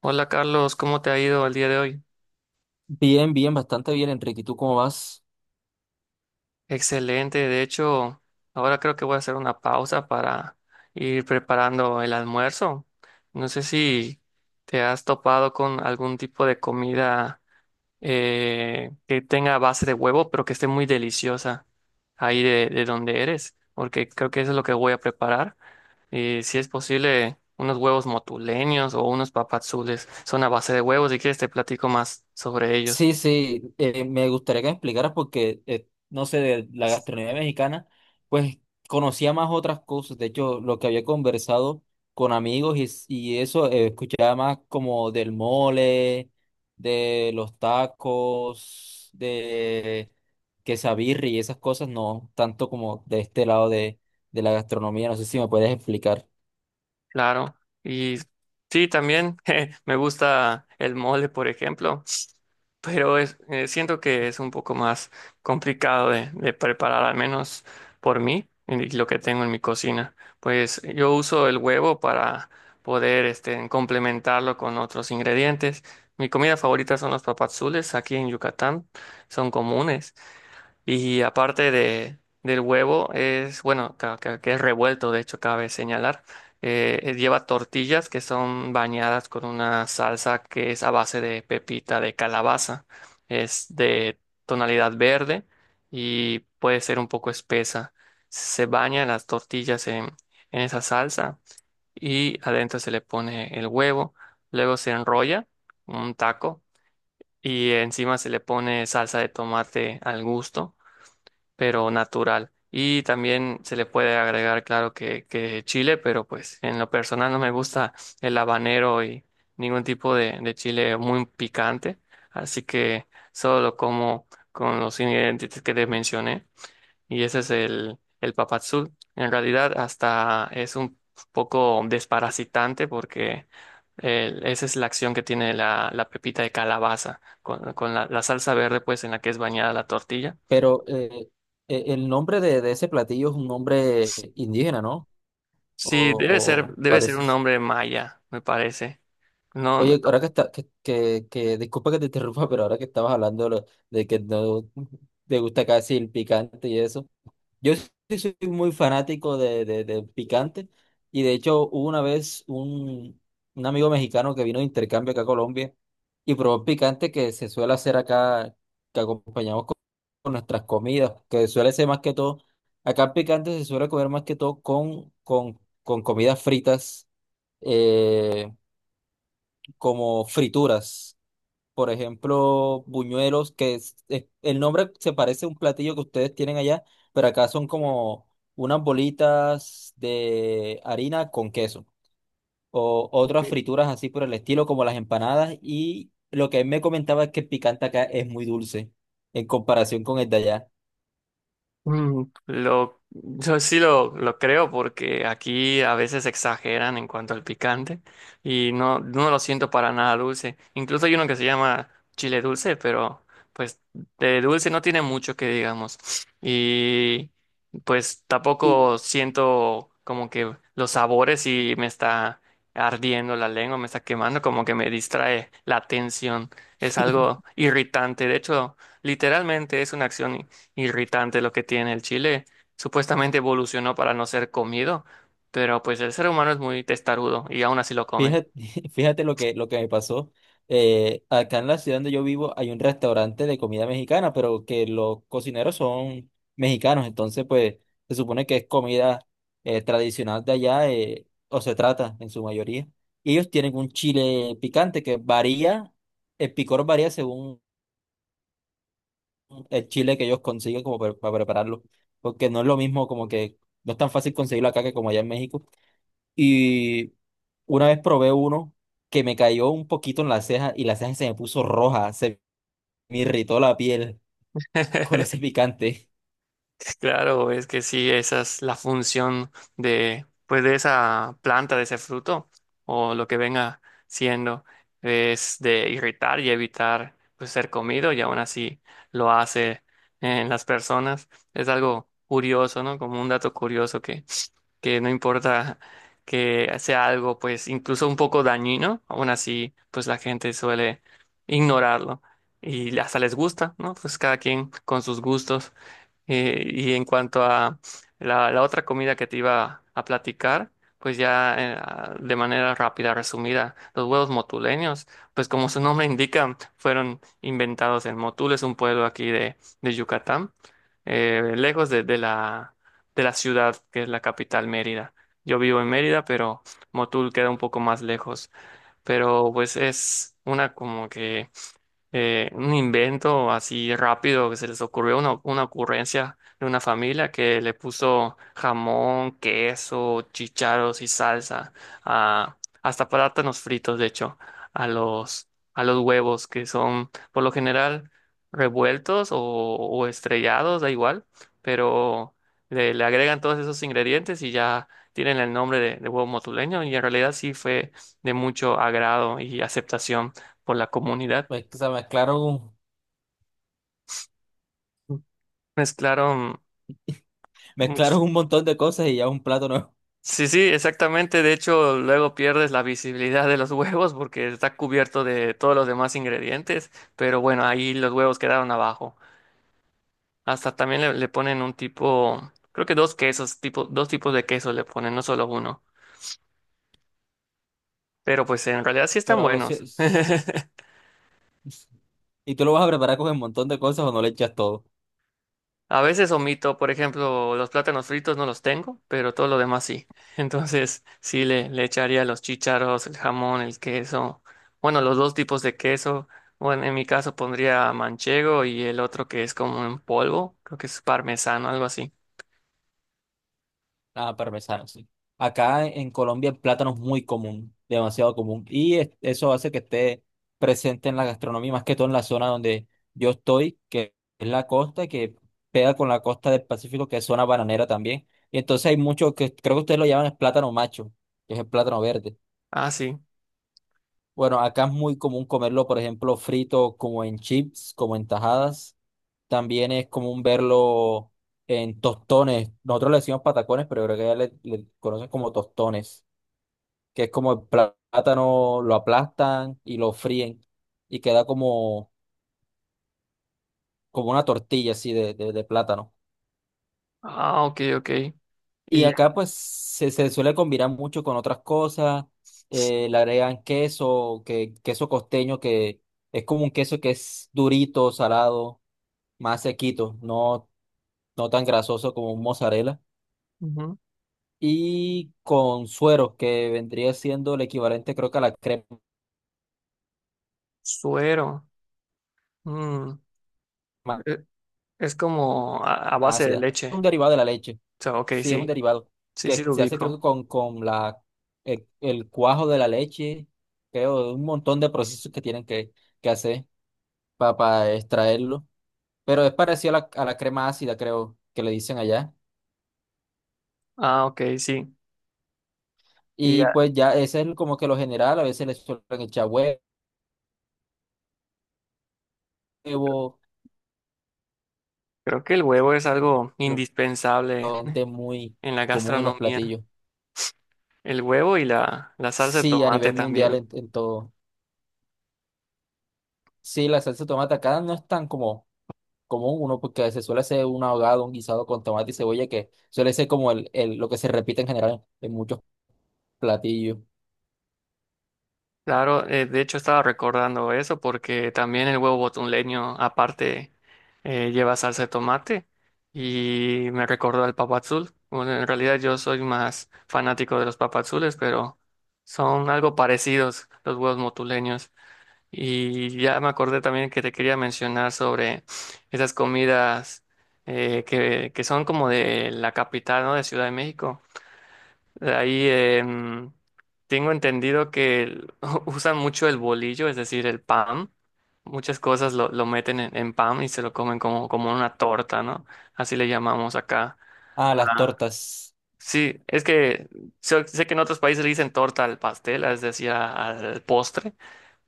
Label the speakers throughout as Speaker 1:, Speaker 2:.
Speaker 1: Hola Carlos, ¿cómo te ha ido el día de hoy?
Speaker 2: Bastante bien, Enrique. ¿Y tú cómo vas?
Speaker 1: Excelente, de hecho, ahora creo que voy a hacer una pausa para ir preparando el almuerzo. No sé si te has topado con algún tipo de comida que tenga base de huevo, pero que esté muy deliciosa ahí de donde eres, porque creo que eso es lo que voy a preparar. Y si es posible, unos huevos motuleños o unos papazules son a base de huevos. Si quieres, te platico más sobre ellos.
Speaker 2: Sí, sí, me gustaría que me explicaras porque, no sé, de la gastronomía mexicana, pues conocía más otras cosas. De hecho, lo que había conversado con amigos y eso, escuchaba más como del mole, de los tacos, de quesabirri y esas cosas, no tanto como de este lado de la gastronomía. No sé si me puedes explicar.
Speaker 1: Claro, y sí, también je, me gusta el mole, por ejemplo, pero es, siento que es un poco más complicado de preparar, al menos por mí y lo que tengo en mi cocina. Pues yo uso el huevo para poder este, complementarlo con otros ingredientes. Mi comida favorita son los papadzules aquí en Yucatán, son comunes. Y aparte del huevo, es, bueno, que es revuelto, de hecho, cabe señalar. Lleva tortillas que son bañadas con una salsa que es a base de pepita de calabaza. Es de tonalidad verde y puede ser un poco espesa. Se bañan las tortillas en esa salsa y adentro se le pone el huevo. Luego se enrolla un taco y encima se le pone salsa de tomate al gusto pero natural. Y también se le puede agregar, claro, que chile, pero pues en lo personal no me gusta el habanero y ningún tipo de chile muy picante. Así que solo lo como con los ingredientes que te mencioné. Y ese es el papadzul. En realidad hasta es un poco desparasitante porque esa es la acción que tiene la pepita de calabaza con la salsa verde pues en la que es bañada la tortilla.
Speaker 2: Pero el nombre de ese platillo es un nombre indígena, ¿no?
Speaker 1: Sí,
Speaker 2: O, o
Speaker 1: debe ser un
Speaker 2: pareces.
Speaker 1: nombre maya, me parece. No, no.
Speaker 2: Oye, ahora que está, disculpa que te interrumpa, pero ahora que estabas hablando de que no te gusta casi el picante y eso. Yo sí soy muy fanático de picante y de hecho hubo una vez un amigo mexicano que vino de intercambio acá a Colombia y probó picante que se suele hacer acá, que acompañamos con nuestras comidas, que suele ser más que todo, acá el picante se suele comer más que todo con, con comidas fritas, eh, como frituras por ejemplo, buñuelos, el nombre se parece a un platillo que ustedes tienen allá, pero acá son como unas bolitas de harina con queso o otras
Speaker 1: Ok.
Speaker 2: frituras así por el estilo, como las empanadas. Y lo que él me comentaba es que el picante acá es muy dulce en comparación con el de allá.
Speaker 1: Mm, lo, yo sí lo creo porque aquí a veces exageran en cuanto al picante y no, no lo siento para nada dulce. Incluso hay uno que se llama chile dulce, pero pues de dulce no tiene mucho que digamos. Y pues
Speaker 2: Y
Speaker 1: tampoco siento como que los sabores y me está ardiendo la lengua, me está quemando, como que me distrae la atención. Es algo irritante. De hecho, literalmente es una acción irritante lo que tiene el chile. Supuestamente evolucionó para no ser comido, pero pues el ser humano es muy testarudo y aún así lo come.
Speaker 2: Fíjate, fíjate lo que me pasó. Acá en la ciudad donde yo vivo hay un restaurante de comida mexicana, pero que los cocineros son mexicanos, entonces pues se supone que es comida tradicional de allá, o se trata en su mayoría. Y ellos tienen un chile picante que varía, el picor varía según el chile que ellos consiguen como para prepararlo, porque no es lo mismo como que no es tan fácil conseguirlo acá que como allá en México. Y una vez probé uno que me cayó un poquito en la ceja y la ceja se me puso roja, se me irritó la piel con ese picante.
Speaker 1: Claro, es que sí, esa es la función de, pues, de esa planta, de ese fruto, o lo que venga siendo, es de irritar y evitar, pues, ser comido, y aún así lo hace en las personas. Es algo curioso, ¿no? Como un dato curioso que no importa que sea algo, pues incluso un poco dañino, aún así, pues la gente suele ignorarlo y hasta les gusta, ¿no? Pues cada quien con sus gustos. Y en cuanto a la otra comida que te iba a platicar, pues ya a- de manera rápida, resumida, los huevos motuleños, pues como su nombre indica, fueron inventados en Motul, es un pueblo aquí de Yucatán, lejos de la ciudad, que es la capital, Mérida. Yo vivo en Mérida, pero Motul queda un poco más lejos. Pero pues es una como que un invento así rápido que se les ocurrió, una ocurrencia de una familia que le puso jamón, queso, chícharos y salsa, a, hasta plátanos fritos, de hecho, a los, a los huevos que son por lo general revueltos o estrellados, da igual, pero le agregan todos esos ingredientes y ya tienen el nombre de huevo motuleño y en realidad sí fue de mucho agrado y aceptación por la comunidad.
Speaker 2: O sea,
Speaker 1: Mezclaron
Speaker 2: mezclaron
Speaker 1: mucho.
Speaker 2: un montón de cosas y ya un plato nuevo.
Speaker 1: Sí, sí, exactamente. De hecho, luego pierdes la visibilidad de los huevos porque está cubierto de todos los demás ingredientes. Pero bueno, ahí los huevos quedaron abajo. Hasta también le ponen un tipo, creo que dos quesos, tipo, dos tipos de queso le ponen, no solo uno. Pero pues en realidad sí están
Speaker 2: Pero sí-
Speaker 1: buenos.
Speaker 2: es- ¿Y tú lo vas a preparar con un montón de cosas o no le echas todo?
Speaker 1: A veces omito, por ejemplo, los plátanos fritos no los tengo, pero todo lo demás sí. Entonces, sí le echaría los chícharos, el jamón, el queso. Bueno, los dos tipos de queso. Bueno, en mi caso pondría manchego y el otro que es como en polvo, creo que es parmesano, algo así.
Speaker 2: Ah, parmesano, sí. Acá en Colombia el plátano es muy común, demasiado común. Eso hace que esté presente en la gastronomía, más que todo en la zona donde yo estoy, que es la costa, que pega con la costa del Pacífico, que es zona bananera también. Y entonces hay mucho que creo que ustedes lo llaman el plátano macho, que es el plátano verde.
Speaker 1: Ah, sí.
Speaker 2: Bueno, acá es muy común comerlo, por ejemplo, frito como en chips, como en tajadas. También es común verlo en tostones. Nosotros le decimos patacones, pero creo que ya le conocen como tostones, que es como el plátano, lo aplastan y lo fríen y queda como, como una tortilla así de plátano.
Speaker 1: Ah, ok, ok.
Speaker 2: Y
Speaker 1: Y ya.
Speaker 2: acá pues se suele combinar mucho con otras cosas. Le agregan queso, queso costeño, que es como un queso que es durito, salado, más sequito, no, no tan grasoso como un mozzarella.
Speaker 1: Ujú.
Speaker 2: Y con suero, que vendría siendo el equivalente, creo que a la crema
Speaker 1: Suero. Mm, e- es como a base de
Speaker 2: ácida.
Speaker 1: leche.
Speaker 2: Un derivado de la leche.
Speaker 1: O sea, ok,
Speaker 2: Sí, es un
Speaker 1: sí.
Speaker 2: derivado
Speaker 1: Sí, sí
Speaker 2: que
Speaker 1: lo
Speaker 2: se hace, creo que
Speaker 1: ubico.
Speaker 2: con la, el cuajo de la leche, creo, un montón de procesos que tienen que hacer para extraerlo. Pero es parecido a la crema ácida, creo, que le dicen allá.
Speaker 1: Ah, ok, sí.
Speaker 2: Y pues ya ese es como que lo general, a veces le suelen echar huevo,
Speaker 1: Creo que el huevo es algo indispensable
Speaker 2: realmente muy
Speaker 1: en la
Speaker 2: común en los
Speaker 1: gastronomía.
Speaker 2: platillos.
Speaker 1: El huevo y la salsa de
Speaker 2: Sí, a
Speaker 1: tomate
Speaker 2: nivel mundial
Speaker 1: también.
Speaker 2: en todo. Sí, la salsa de tomate acá no es tan como común uno porque se suele hacer un ahogado, un guisado con tomate y cebolla que suele ser como el, lo que se repite en general en muchos platillos.
Speaker 1: Claro, de hecho estaba recordando eso porque también el huevo botuleño aparte lleva salsa de tomate y me recordó al papadzul. Bueno, en realidad yo soy más fanático de los papadzules, pero son algo parecidos los huevos botuleños. Y ya me acordé también que te quería mencionar sobre esas comidas que son como de la capital, ¿no? De Ciudad de México. De ahí tengo entendido que usan mucho el bolillo, es decir, el pan. Muchas cosas lo meten en pan y se lo comen como, como una torta, ¿no? Así le llamamos acá.
Speaker 2: Ah, las
Speaker 1: Ah,
Speaker 2: tortas.
Speaker 1: sí, es que sé que en otros países le dicen torta al pastel, es decir, al postre,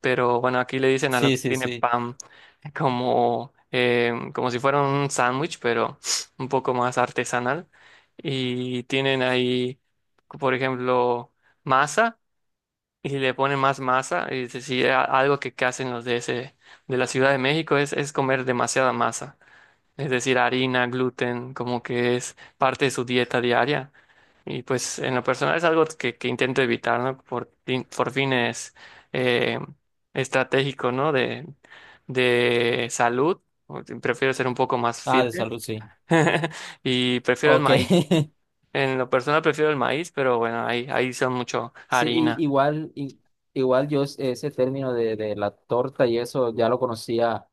Speaker 1: pero bueno, aquí le dicen a lo
Speaker 2: Sí,
Speaker 1: que
Speaker 2: sí,
Speaker 1: tiene
Speaker 2: sí.
Speaker 1: pan como, como si fuera un sándwich, pero un poco más artesanal. Y tienen ahí, por ejemplo, masa y si le ponen más masa. Y es decir, algo que hacen los de ese, de la Ciudad de México es comer demasiada masa, es decir, harina, gluten, como que es parte de su dieta diaria. Y pues en lo personal es algo que intento evitar, ¿no? Por, por fines eh, estratégicos, ¿no? De salud. Prefiero ser un poco más
Speaker 2: Ah,
Speaker 1: fit
Speaker 2: de salud, sí.
Speaker 1: y prefiero el
Speaker 2: Ok.
Speaker 1: maíz. En lo personal prefiero el maíz, pero bueno, ahí, ahí son mucho
Speaker 2: Sí,
Speaker 1: harina.
Speaker 2: y- igual, i- igual yo ese término de la torta y eso ya lo conocía,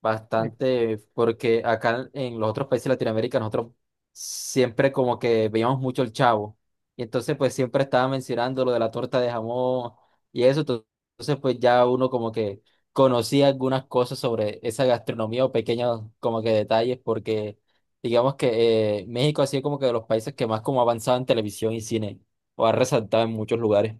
Speaker 2: bastante, porque acá en los otros países de Latinoamérica nosotros siempre como que veíamos mucho el Chavo. Y entonces pues siempre estaba mencionando lo de la torta de jamón y eso. Entonces pues ya uno como que conocía algunas cosas sobre esa gastronomía o pequeños como que detalles porque digamos que México ha sido como que de los países que más como ha avanzado en televisión y cine o ha resaltado en muchos lugares.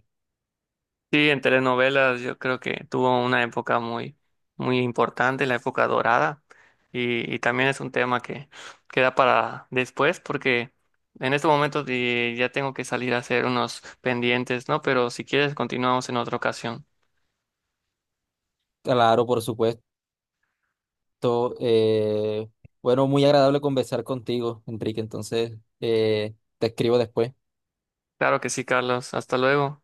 Speaker 1: Sí, en telenovelas yo creo que tuvo una época muy, muy importante, la época dorada, y también es un tema que queda para después, porque en este momento ya tengo que salir a hacer unos pendientes, ¿no? Pero si quieres, continuamos en otra ocasión.
Speaker 2: Claro, por supuesto. To- eh, bueno, muy agradable conversar contigo, Enrique. Entonces, te escribo después.
Speaker 1: Claro que sí, Carlos, hasta luego.